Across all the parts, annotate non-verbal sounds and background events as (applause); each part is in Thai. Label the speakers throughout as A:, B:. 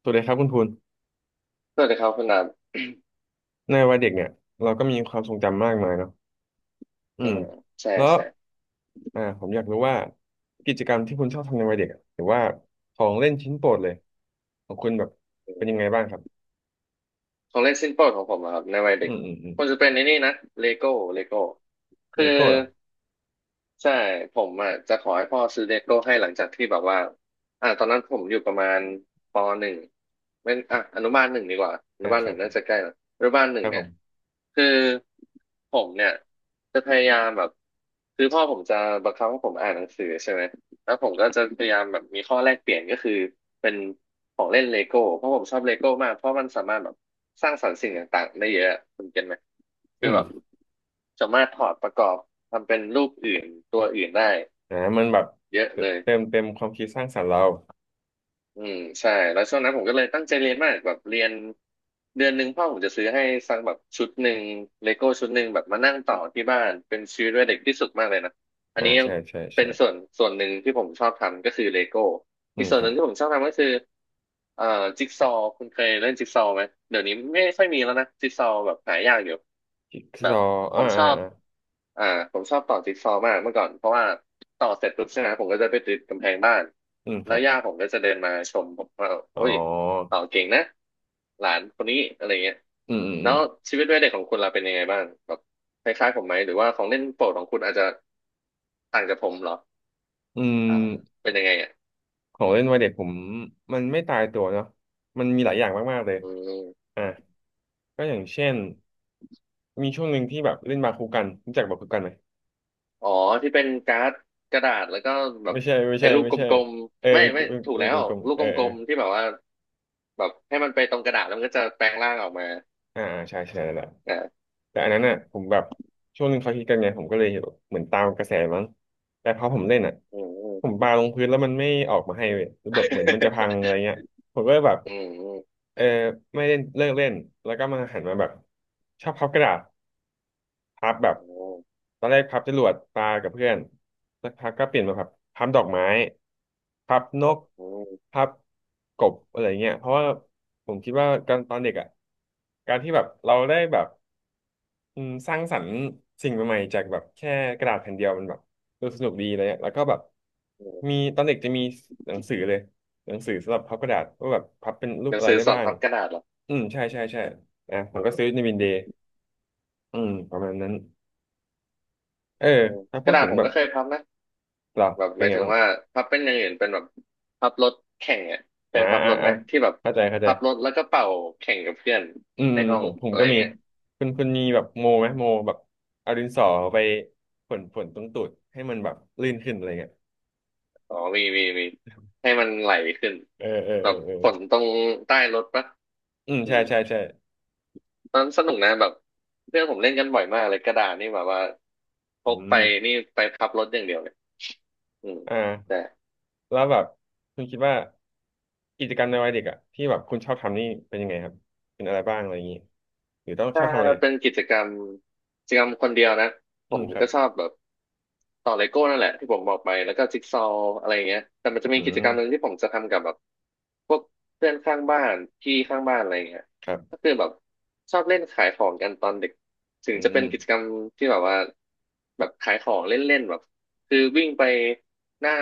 A: สวัสดีครับคุณภูน
B: สวัสดีครับคุณดาบ
A: ในวัยเด็กเนี่ยเราก็มีความทรงจำมากมายเนาะอื
B: (coughs) อื
A: ม
B: มใช่
A: แล้ว
B: ใช่
A: ผมอยากรู้ว่ากิจกรรมที่คุณชอบทำในวัยเด็กอะหรือว่าของเล่นชิ้นโปรดเลยของคุณแบบเป็นยังไงบ้างครับ
B: ของเล่นชิ้นโปรดของผมอะครับในวัยเด็
A: อื
B: ก
A: มอืมอืม
B: ควรจะเป็นในนี่นะเลโก้เลโก้
A: เล
B: คือ
A: โก้เหรอ
B: ใช่ผมอ่ะจะขอให้พ่อซื้อเลโก้ให้หลังจากที่แบบว่าตอนนั้นผมอยู่ประมาณปหนึ่งเป็นอนุบาลหนึ่งดีกว่าอนุ
A: อ่า
B: บาล
A: ค
B: ห
A: รั
B: นึ่
A: บ
B: งน่าจะใกล้ละอนุบาลห
A: ค
B: นึ่ง
A: รับผ
B: เนี่ย
A: ม
B: คือผมเนี่ยจะพยายามแบบคือพ่อผมจะบังคับให้ผมอ่านหนังสือใช่ไหมแล้วผมก็จะพยายามแบบมีข้อแลกเปลี่ยนก็คือเป็นของเล่นเลโก้เพราะผมชอบเลโก้มากเพราะมันสามารถแบบ สร้างสรรค์สิ่งต่างๆได้เยอะคุณเก็ตไหม
A: อื
B: คือแบบ
A: ม
B: สามารถถอดประกอบทำเป็นรูปอื่นตัวอื่นได้
A: มันแบบ
B: เยอะเลย
A: เติมเต็มความคิดสร้างสรรค์เรา
B: อืมใช่แล้วช่วงนั้นผมก็เลยตั้งใจเรียนมากแบบเรียนเดือนหนึ่งพ่อผมจะซื้อให้สักแบบชุดหนึ่งเลโก้ชุดหนึ่งแบบมานั่งต่อที่บ้านเป็นชีวิตวัยเด็กที่สุดมากเลยนะอัน
A: อ่า
B: นี้ยัง
A: ใช่ใช่
B: เป็น
A: ใช่
B: ส่วนหนึ่งที่ผมชอบทำก็คือเลโก้
A: อื
B: อีก
A: ม
B: ส่
A: ค
B: วนห
A: รับ
B: นึ่งที่ผมชอบทำก็คือเอ่อจิ๊กซอว์คุณเคยเล่นจิ๊กซอว์ไหมเดี๋ยวนี้ไม่ค่อยมีแล้วนะจิ๊กซอว์แบบหายากอยู่
A: จิ๊ก
B: แบ
A: ซ
B: บ
A: อว์
B: ผ
A: อ่า
B: มช
A: อ่า
B: อบ
A: อ่า
B: อ่าผมชอบต่อจิ๊กซอว์มากเมื่อก่อนเพราะว่าต่อเสร็จปุ๊บใช่ไหมผมก็จะไปติดกำแพงบ้าน
A: อืมค
B: แล้
A: รั
B: ว
A: บ
B: ย่าผมก็จะเดินมาชมผมว่า
A: อ๋อ
B: โอ้ยต่อเก่งนะหลานคนนี้อะไรเงี้ย
A: อืมอืมอื
B: แล้
A: ม
B: วชีวิตวัยเด็กของคุณล่ะเป็นยังไงบ้างแบบคล้ายๆผมไหมหรือว่าของเล่นโปรดของคุณอาจจะต่างจากผมเหรอ
A: อื
B: อ่า
A: ม
B: เป็นยังไงอ่ะ
A: ของเล่นวัยเด็กผมมันไม่ตายตัวเนาะมันมีหลายอย่างมากๆเลย
B: อืม
A: อ่ะก็อย่างเช่นมีช่วงหนึ่งที่แบบเล่นบาคูกันรู้จักบาคูกันไหม
B: อ๋อที่เป็นการ์ดกระดาษแล้วก็แบบ
A: ไม่ใช่ไม่
B: ไอ้
A: ใช่
B: ลูก
A: ไม่
B: ก
A: ใช่
B: ลม
A: เออ
B: ๆไม่
A: เป็น
B: ไม่
A: เป็น
B: ถูก
A: เป็น
B: แล้
A: ก
B: ว
A: ลม
B: ลู
A: ๆ
B: ก
A: เออ
B: ก
A: เอ
B: ล
A: อ
B: มๆที่แบบว่าแบบให้มันไปตรงกระดาษแล้วมันก็จะแปลงร่างออกมา
A: อ่าอ่าใช่ใช่แล้วแหละ
B: อ่า
A: แต่อันนั้นน่ะผมแบบช่วงหนึ่งเขาฮิตกันไงผมก็เลยเหมือนตามกระแสมั้งแต่พอผมเล่นอ่ะ
B: อืมอืม
A: ผมปาลงพื้นแล้วมันไม่ออกมาให้เว้ยหรือแบบเหมือนมันจะพังอะ
B: (laughs)
A: ไรเงี้ยผมก็เลยแบบ
B: อืม
A: เออไม่เล่นเลิกเล่นแล้วก็มาหันมาแบบชอบพับกระดาษ พับแบบ
B: อืม
A: ตอนแรกพับจรวดปลากับเพื่อนสักพักก็เปลี่ยนมาพับพับดอกไม้พับนก
B: อืม
A: พับกบอะไรเงี้ยเพราะว่าผมคิดว่าการตอนเด็กอ่ะการที่แบบเราได้แบบอืมสร้างสรรค์สิ่งใหม่ๆจากแบบแค่กระดาษแผ่นเดียวมันแบบดูสนุกดีอะไรเงี้ยอะแล้วก็แบบ
B: อื
A: มี
B: ม
A: ตอนเด็กจะมีหนังสือเลยหนังสือสำหรับพับกระดาษว่าแบบพับเป็นรู
B: ห
A: ป
B: นัง
A: อะไร
B: สือ
A: ได้
B: สอน
A: บ้าง
B: พับกระดาษเหรอ
A: อืมใช่ใช่ใช่อ่ะผมก็ซื้อในวินเดย์อืมประมาณนั้น เออ
B: อืม
A: ถ้า
B: ก
A: พู
B: ระ
A: ด
B: ดาษ
A: ถึง
B: ผม
A: แบบ
B: ก็เคยพับนะ
A: เรา
B: แบบห
A: เป็น
B: มาย
A: ไง
B: ถึง
A: บ้าง
B: ว่าพับเป็นอย่างอื่นเป็นแบบพับรถแข่งอ่ะเค
A: อ่า
B: ยพับ
A: อ่า
B: รถไห
A: อ่า
B: มที่แบบ
A: เข้าใจเข้าใจ
B: พับรถแล้วก็เป่าแข่งกับเพื่อน
A: อืม
B: ในห้อ
A: ผ
B: ง
A: มผม
B: อะไร
A: ก็มี
B: เงี้ย
A: คุณมีแบบโมไหมโมแบบเอาดินสอไปฝนฝนตรงตูดให้มันแบบลื่นขึ้นอะไรเงี้ย
B: อ๋อมี มี มี ให้มันไหลขึ้น
A: เออเออ
B: แบ
A: เอ
B: บ
A: อเออ
B: ฝนตรงใต้รถปะ
A: อืม
B: อื
A: ใช่
B: ม
A: ใช่ใช่
B: ตอนสนุกนะแบบเพื่อนผมเล่นกันบ่อยมากเลยกระดาษนี่แบบว่าพ
A: อื
B: กไป
A: ม
B: นี่ไปพับรถอย่างเดียวเลยอืม
A: อ
B: ใช่
A: ่าแล้วแบบคุณคิดว่ากิจกรรมในวัยเด็กอะที่แบบคุณชอบทำนี่เป็นยังไงครับเป็นอะไรบ้างอะไรอย่างงี้หรือต้องชอบทำอะไร
B: ถ้าเป็นกิจกรรมกิจกรรมคนเดียวนะผ
A: อืม
B: ม
A: ครั
B: ก็
A: บ
B: ชอบแบบต่อเลโก้นั่นแหละที่ผมบอกไปแล้วก็จิ๊กซอว์อะไรอย่างเงี้ยแต่มันจะ
A: อื
B: มีกิจ
A: ม
B: กรรมหนึ่งที่ผมจะทำกับแบบพวกเพื่อนข้างบ้านพี่ข้างบ้านอะไรอย่างเงี้ย
A: ครั
B: ก็
A: บ
B: คือแบบชอบเล่นขายของกันตอนเด็กถึ
A: อื
B: งจะ
A: ม
B: เป็นกิจกรรมที่แบบว่าแบบขายของเล่นๆแบบคือวิ่งไปหน้า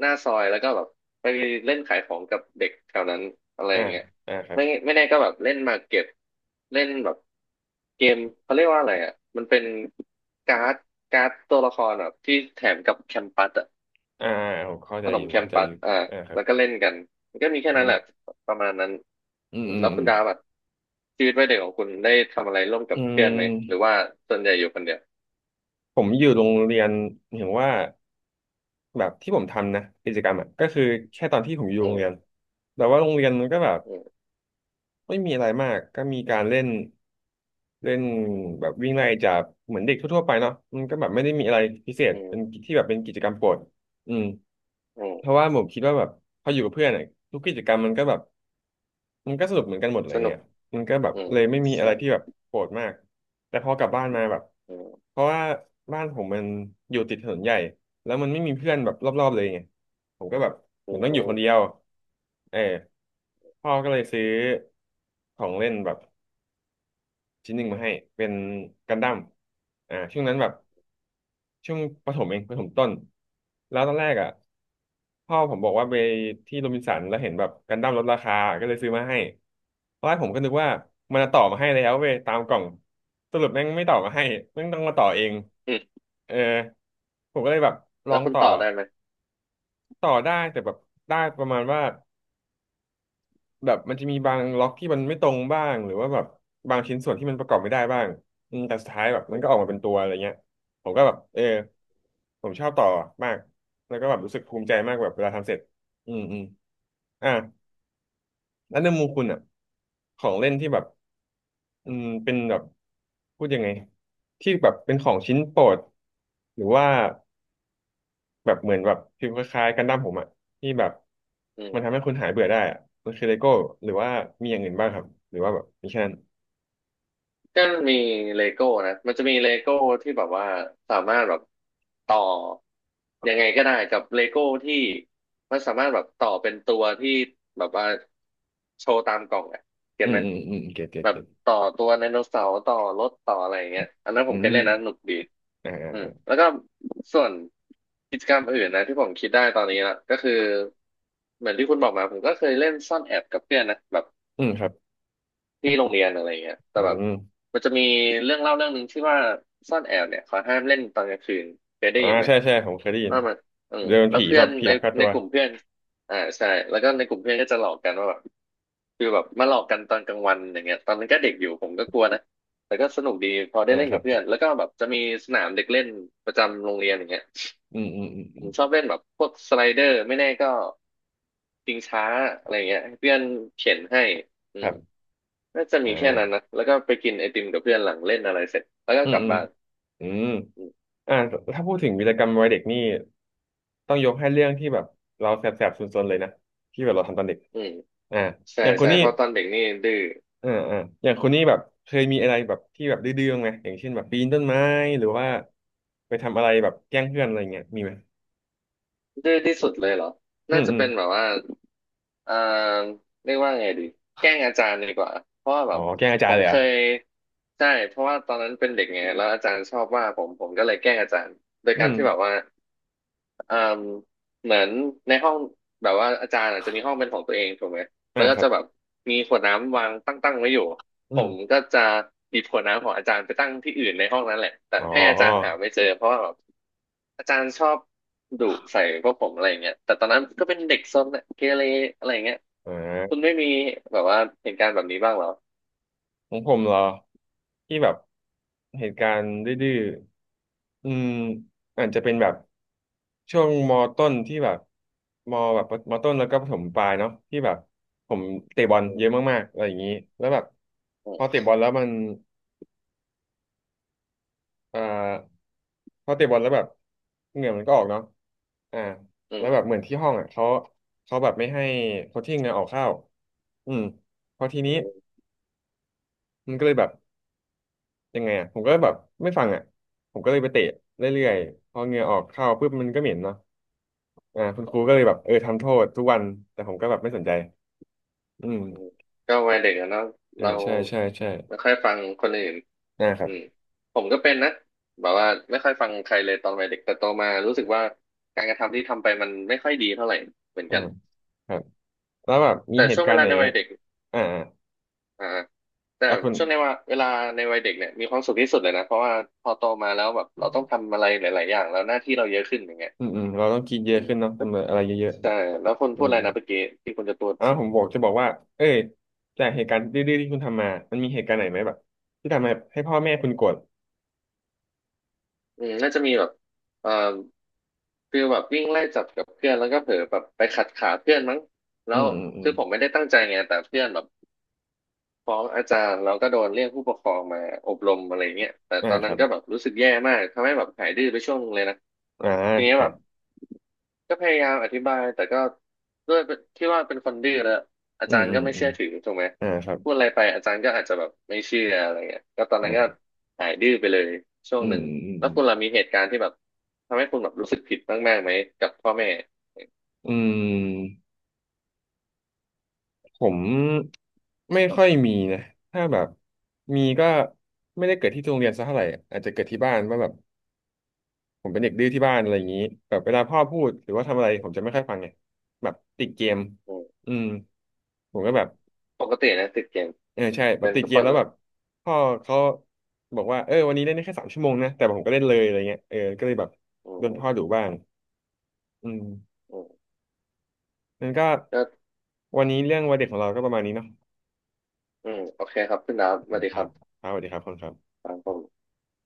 B: หน้าซอยแล้วก็แบบไปเล่นขายของกับเด็กแถวนั้นอะไรอ
A: อ่า
B: ย่างเงี้ย
A: อ่าครับ
B: ไม่ไม่แน่ก็แบบเล่นมาเก็บเล่นแบบเกมเขาเรียกว่าอะไรอ่ะมันเป็นการ์ดตัวละครแบบที่แถมกับแคมปัสอ่ะ
A: อ่าผมเข้า
B: ข
A: ใจ
B: น
A: อ
B: ม
A: ยู่
B: แคม
A: เข้าใจ
B: ปั
A: อ
B: ส
A: ยู่
B: อ่า
A: อ่าครับ
B: แล้วก็เล่นกันมันก็มีแค่
A: อื
B: นั้นแห
A: ม
B: ละประมาณนั้น
A: อืม
B: อืม
A: อืม
B: แล้ว
A: อื
B: คุ
A: ม
B: ณดาวแบบชีวิตวัยเด็กของคุณได้ทำอะไรร่วมกั
A: อื
B: บเพื่อนไหมหรือ
A: ม
B: ว่าส่วนใหญ่อยู่คนเดียว
A: ผมอยู่โรงเรียนเห็นว่าแบบที่ผมทำนะกิจกรรมอ่ะก็คือแค่ตอนที่ผมอยู่
B: อื
A: โรงเรียน
B: ม
A: แต่ว่าโรงเรียนมันก็แบบ
B: อืม
A: ไม่มีอะไรมากก็มีการเล่นเล่นแบบวิ่งไล่จับเหมือนเด็กทั่วๆไปเนาะมันก็แบบไม่ได้มีอะไรพิเศษ
B: อื
A: เป็น
B: ม
A: ที่แบบเป็นกิจกรรมโปรดอืม
B: อื
A: เพ
B: ม
A: ราะว่าผมคิดว่าแบบพออยู่กับเพื่อนอะทุกกิจกรรมมันก็แบบ มันก็สรุปเหมือนกันหมดอะไร
B: สนุ
A: เงี้
B: ก
A: ยมันก็แบบ
B: อืม
A: เลยไม่มีอะไรที่
B: ใช่
A: แบบโกรธมาก แต่พอกลับบ้านมาแบบ
B: อืม
A: เพราะว่าบ้านผมมันอยู่ติดถนนใหญ่ แล้วมันไม่มีเพื่อนแบบรอบๆเลยไงผมก็แบบเห
B: อื
A: มือนต้องอยู่คนเดีย
B: ม
A: วเออพ่อก็เลยซื้อของเล่นแบบชิ้นหนึ่งมาให้ เป็นกันดั้มช่วงนั้นแบบ ช่วงประถมเองประถมต้นแล้วตอนแรกอ่ะพ่อผมบอกว่าไปที่โรบินสันแล้วเห็นแบบกันดั้มลดราคาก็เลยซื้อมาให้ตอนแรกผมก็นึกว่ามันจะต่อมาให้แล้วเว้ยตามกล่องสรุปแม่งไม่ต่อมาให้แม่งต้องมาต่อเอง
B: อืม
A: เออผมก็เลยแบบลอ
B: แล้ว
A: ง
B: คุณ
A: ต่อ
B: ต่อได้ไหม
A: ต่อได้แต่แบบได้ประมาณว่าแบบมันจะมีบางล็อกที่มันไม่ตรงบ้างหรือว่าแบบบางชิ้นส่วนที่มันประกอบไม่ได้บ้างอืมแต่สุดท้ายแบบมันก็
B: อ
A: ออกมาเป็นตัวอะไรเงี้ยผมก็แบบเออ ผมชอบต่อมาก แล้วก็แบบรู้สึกภูมิใจมากแบบเวลาทำเสร็จอืมอืมอ่ะแล้วในมุมคุณอ่ะของเล่นที่แบบอืมเป็นแบบพูดยังไงที่แบบเป็นของชิ้นโปรดหรือว่าแบบเหมือนแบบฟิลคล้ายๆกันดั้มผมอ่ะที่แบบ
B: ื
A: มันทำ
B: ม
A: ให้คุณหายเบื่อได้อ่ะมันคือเลโก้หรือว่ามีอย่างอื่นบ้างครับหรือว่าแบบมีแค่นั้น
B: ก็มีเลโก้นะมันจะมีเลโก้ที่แบบว่าสามารถแบบต่อยังไงก็ได้กับเลโก้ที่มันสามารถแบบต่อเป็นตัวที่แบบว่าโชว์ตามกล่องอ่ะเก็
A: อื
B: ตไห
A: ม
B: ม
A: อืมอืมเก็ตเก็ต
B: แบบ
A: เก็ต
B: ต่อตัวไดโนเสาร์ต่อรถต่ออะไรอย่างเงี้ยอันนั้นผ
A: อื
B: มเคย
A: ม
B: เล่นนะสนุกดี
A: อ่าอ่า
B: อืม
A: อ่า
B: แล้วก็ส่วนกิจกรรมอื่นนะที่ผมคิดได้ตอนนี้ละก็คือเหมือนที่คุณบอกมาผมก็เคยเล่นซ่อนแอบกับเพื่อนนะแบบ
A: อืมครับ
B: ที่โรงเรียนอะไรเงี้ยแต่
A: อื
B: แบบ
A: ม
B: มันจะมีเรื่องเล่าเรื่องหนึ่งที่ว่าซ่อนแอบเนี่ยเขาห้ามเล่นตอนกลางคืนเคยได้
A: อ่า
B: ยินไหม
A: ใช่ใช่ผมเคยได้ยิน
B: ว่ามันอืม
A: เดิน
B: แล้ว
A: ผี
B: เพื่
A: แบ
B: อน
A: บผี
B: ใน
A: ลักพาตั
B: ใน
A: ว
B: กลุ่มเพื่อนอ่าใช่แล้วก็ในกลุ่มเพื่อนก็จะหลอกกันว่าแบบคือแบบมาหลอกกันตอนกลางวันอย่างเงี้ยตอนนั้นก็เด็กอยู่ผมก็กลัวนะแต่ก็สนุกดีพอได้
A: อ่า
B: เล่น
A: ครั
B: กับ
A: บ
B: เพื่อนแล้วก็แบบจะมีสนามเด็กเล่นประจำโรงเรียนอย่างเงี้ย
A: อืมอืมอืมอื
B: ผ
A: ม
B: มชอบเล่นแบบพวกสไลเดอร์ไม่แน่ก็ชิงช้าอะไรเงี้ยให้เพื่อนเข็นให้อื
A: ครั
B: ม
A: บ
B: น่าจะมีแค่นั้น
A: อ่า
B: นะแล้วก็ไปกินไอติมกับเพื่อนหลังเล่นอะไรเสร็จแล้วก็
A: อื
B: ก
A: ม
B: ลับ
A: อืม
B: บ้าน
A: อืม
B: อืม
A: อ่าถ้าพูดถึงวีรกรรมวัยเด็กนี่ต้องยกให้เรื่องที่แบบเราแสบแสบซนๆเลยนะที่แบบเราทำตอนเด็ก
B: อืม
A: อ่า
B: ใช่
A: อย่างคุณ
B: ใช่
A: นี่
B: เพราะตอนเด็กนี่ดื้อ
A: อ่าอ่าอย่างคุณนี่แบบเคยมีอะไรแบบที่แบบดื้อๆบ้างไหมอย่างเช่นแบบปีนต้นไม้หรือว่าไปทำอะไรแบบแกล้งเพื่อนอะไรเงี้ยมีไหม
B: ดื้อที่สุดเลยเหรอ
A: อื
B: น่า
A: ม
B: จะ
A: อืม
B: เป็นแบบว่าเอ่อเรียกว่าไงดีแกล้งอาจารย์ดีกว่าเพราะว่าแบ
A: อ๋อ
B: บ
A: แกล้งอาจา
B: ผ
A: รย์
B: ม
A: เลยเห
B: เค
A: รอ่ะ
B: ยใช่เพราะว่าตอนนั้นเป็นเด็กไงแล้วอาจารย์ชอบว่าผมก็เลยแกล้งอาจารย์โดย
A: อื
B: การ
A: ม
B: ที่แบบว่า เอ่มเหมือนในห้องแบบว่าอาจารย์อาจจะมีห้องเป็นของตัวเองถูกไหมแล้
A: อ่า
B: วก็
A: ครั
B: จะ
A: บ
B: แบบมีขวดน้ำวางตั้งๆไว้อยู่
A: อื
B: ผ
A: ม
B: มก็จะหยิบขวดน้ำของอาจารย์ไปตั้งที่อื่นในห้องนั้นแหละแต่
A: อ๋อ
B: ให้อา
A: อ๋อ
B: จารย์หาไม่เจอเพราะว่าแบบอาจารย์ชอบดุใส่พวกผมอะไรอย่างเงี้ยแต่ตอนนั้นก็เป็นเด็กซนอะเกเรอะไรอย่างเงี้ย
A: อ่
B: คุณ
A: า
B: ไม่มีแบบว่าเหตุการณ์แบบนี้บ้างเหรอ
A: ของผมเหรอที่แบบเหตุการณ์ดื้อๆ อืมอาจจะเป็นแบบช่วงมต้นที่แบบมแบบมต้นแล้วก็ประถมปลายเนาะที่แบบผมเตะบอล
B: อื
A: เยอะมากๆอะไรอย่างนี้แล้วแบบพอ
B: ม
A: เตะบอลแล้วมันเอ่อพอเตะบอลแล้วแบบเหงื่อมันก็ออกเนาะอ่า
B: อื
A: แล้วแบบ
B: ม
A: เหมือนที่ห้องอ่ะเขาแบบไม่ให้โค้ชชิ่งเนี่ยออกเข้าอืมพอที
B: อื
A: นี้
B: ม
A: มันก็เลยแบบยังไงอ่ะผมก็แบบไม่ฟังอ่ะผมก็เลยไปเตะเรื่
B: อื
A: อย
B: ม
A: ๆพอเหงื่อออกเข้าปุ๊บมันก็เหม็นเนาะ อ่าคุณครู
B: อื
A: ก็เลยแบ
B: ม
A: บเออทำโทษทุกวันแต่ผมก็แบบไม่สนใจอื
B: อื
A: ม
B: มก็วัยเด็กอะเนาะ
A: อ่า
B: เรา
A: ใช่ใช่ใช่
B: ไม่ค่อยฟังคนอื่น
A: นะค
B: อื
A: รั
B: ม
A: บ
B: ผมก็เป็นนะแบบว่าไม่ค่อยฟังใครเลยตอนวัยเด็กแต่โตมารู้สึกว่าการกระทำที่ทำไปมันไม่ค่อยดีเท่าไหร่เหมือน
A: อ่า
B: กัน
A: ครับแล้วแบบมี
B: แต่
A: เห
B: ช่
A: ตุ
B: วง
A: กา
B: เว
A: รณ์
B: ลา
A: ไหน
B: ในวัยเด็ก
A: อ่าอ่า
B: อ่าแต่
A: อ่ะคุณ
B: ช่วงในว่าเวลาในวัยเด็กเนี่ยมีความสุขที่สุดเลยนะเพราะว่าพอโตมาแล้วแบบเราต้อ
A: อ
B: งทำอะไรหลายๆอย่างแล้วหน้าที่เราเยอะขึ้นอย่างเงี้ย
A: ืมอืมเราต้องกินเย
B: อื
A: อะ
B: ม
A: ขึ้นเนาะทำอะไรเยอะ
B: ใช่แล้วคน
A: ๆอื
B: พูดอะ
A: ม
B: ไรนะเมื่อกี้ที่คุณจะพูด
A: อ่าผมบอกจะบอกว่าเอ้ยจากเหตุการณ์ดื้อๆที่คุณทำมามันมีเหตุการณ์ไหนไหมแบบที่ทำให้พ่อแม่คุณโกรธ
B: อืมน่าจะมีแบบเอ่อคือแบบวิ่งไล่จับกับเพื่อนแล้วก็เผลอแบบไปขัดขาเพื่อนมั้ง
A: อื
B: แล้ว
A: มอืมอืม
B: คือผมไม่ได้ตั้งใจไงแต่เพื่อนแบบฟ้องอาจารย์แล้วก็โดนเรียกผู้ปกครองมาอบรมอะไรเงี้ยแต่
A: อ่า
B: ตอน
A: ค
B: นั้
A: รั
B: น
A: บ
B: ก็แบบรู้สึกแย่มากทำให้แบบหายดื้อไปช่วงนึงเลยนะ
A: อ่า
B: ทีนี้
A: ใช่
B: แบบ ก็พยายามอธิบายแต่ก็ด้วยที่ว่าเป็นคนดื้อแล้วอา
A: อื
B: จา
A: ม
B: รย์
A: อื
B: ก็
A: ม
B: ไม่
A: อืม
B: เชื่อถือถูกไหม
A: อ่าครับ
B: พูดอะไรไปอาจารย์ก็อาจจะแบบไม่เชื่ออะไรเงี้ยก็ตอนนั้นก็
A: อ่า
B: หายดื้อไปเลยช่ว
A: อื
B: งห
A: ม
B: นึ่ง
A: อืม
B: แล้ว
A: อืม
B: คุณล่ะมีเหตุการณ์ที่แบบทำให้คุณแบบรู้สึกผิดมากๆไหมกับพ่อแม่
A: อืม ผมไม่ค่อยมีนะถ้าแบบมีก็ไม่ได้เกิดที่โรงเรียนซะเท่าไหร่อาจจะเกิดที่บ้านว่าแบบผมเป็นเด็กดื้อที่บ้านอะไรอย่างนี้แบบเวลาพ่อพูดหรือว่าทำอะไรผมจะไม่ค่อยฟังไงแบบติดเกม
B: อืม
A: อืมผม
B: อื
A: ก็
B: ม
A: แบบ
B: ปกตินะติดเกม
A: เออใช่แบ
B: เป็
A: บ
B: น
A: ติด
B: ทุก
A: เก
B: ค
A: ม
B: น
A: แล้ว
B: เล
A: แบ
B: ย
A: บพ่อเขาบอกว่าเออวันนี้เล่นได้แค่3 ชั่วโมงนะแต่ผมก็เล่นเลยอะไรเงี้ยเออก็เลยแบบ
B: อื
A: โดน
B: ม
A: พ่อดุบ้างอืม
B: อืม
A: นั่นก็
B: ก็
A: วันนี้เรื่องวัยเด็กของเราก็ประมาณนี้เนาะ
B: อืมโอเคครับคุณดาวสวัสดี
A: ค
B: ค
A: รั
B: รั
A: บ
B: บ
A: ครับสวัสดีครับคุณครับ
B: ครับผม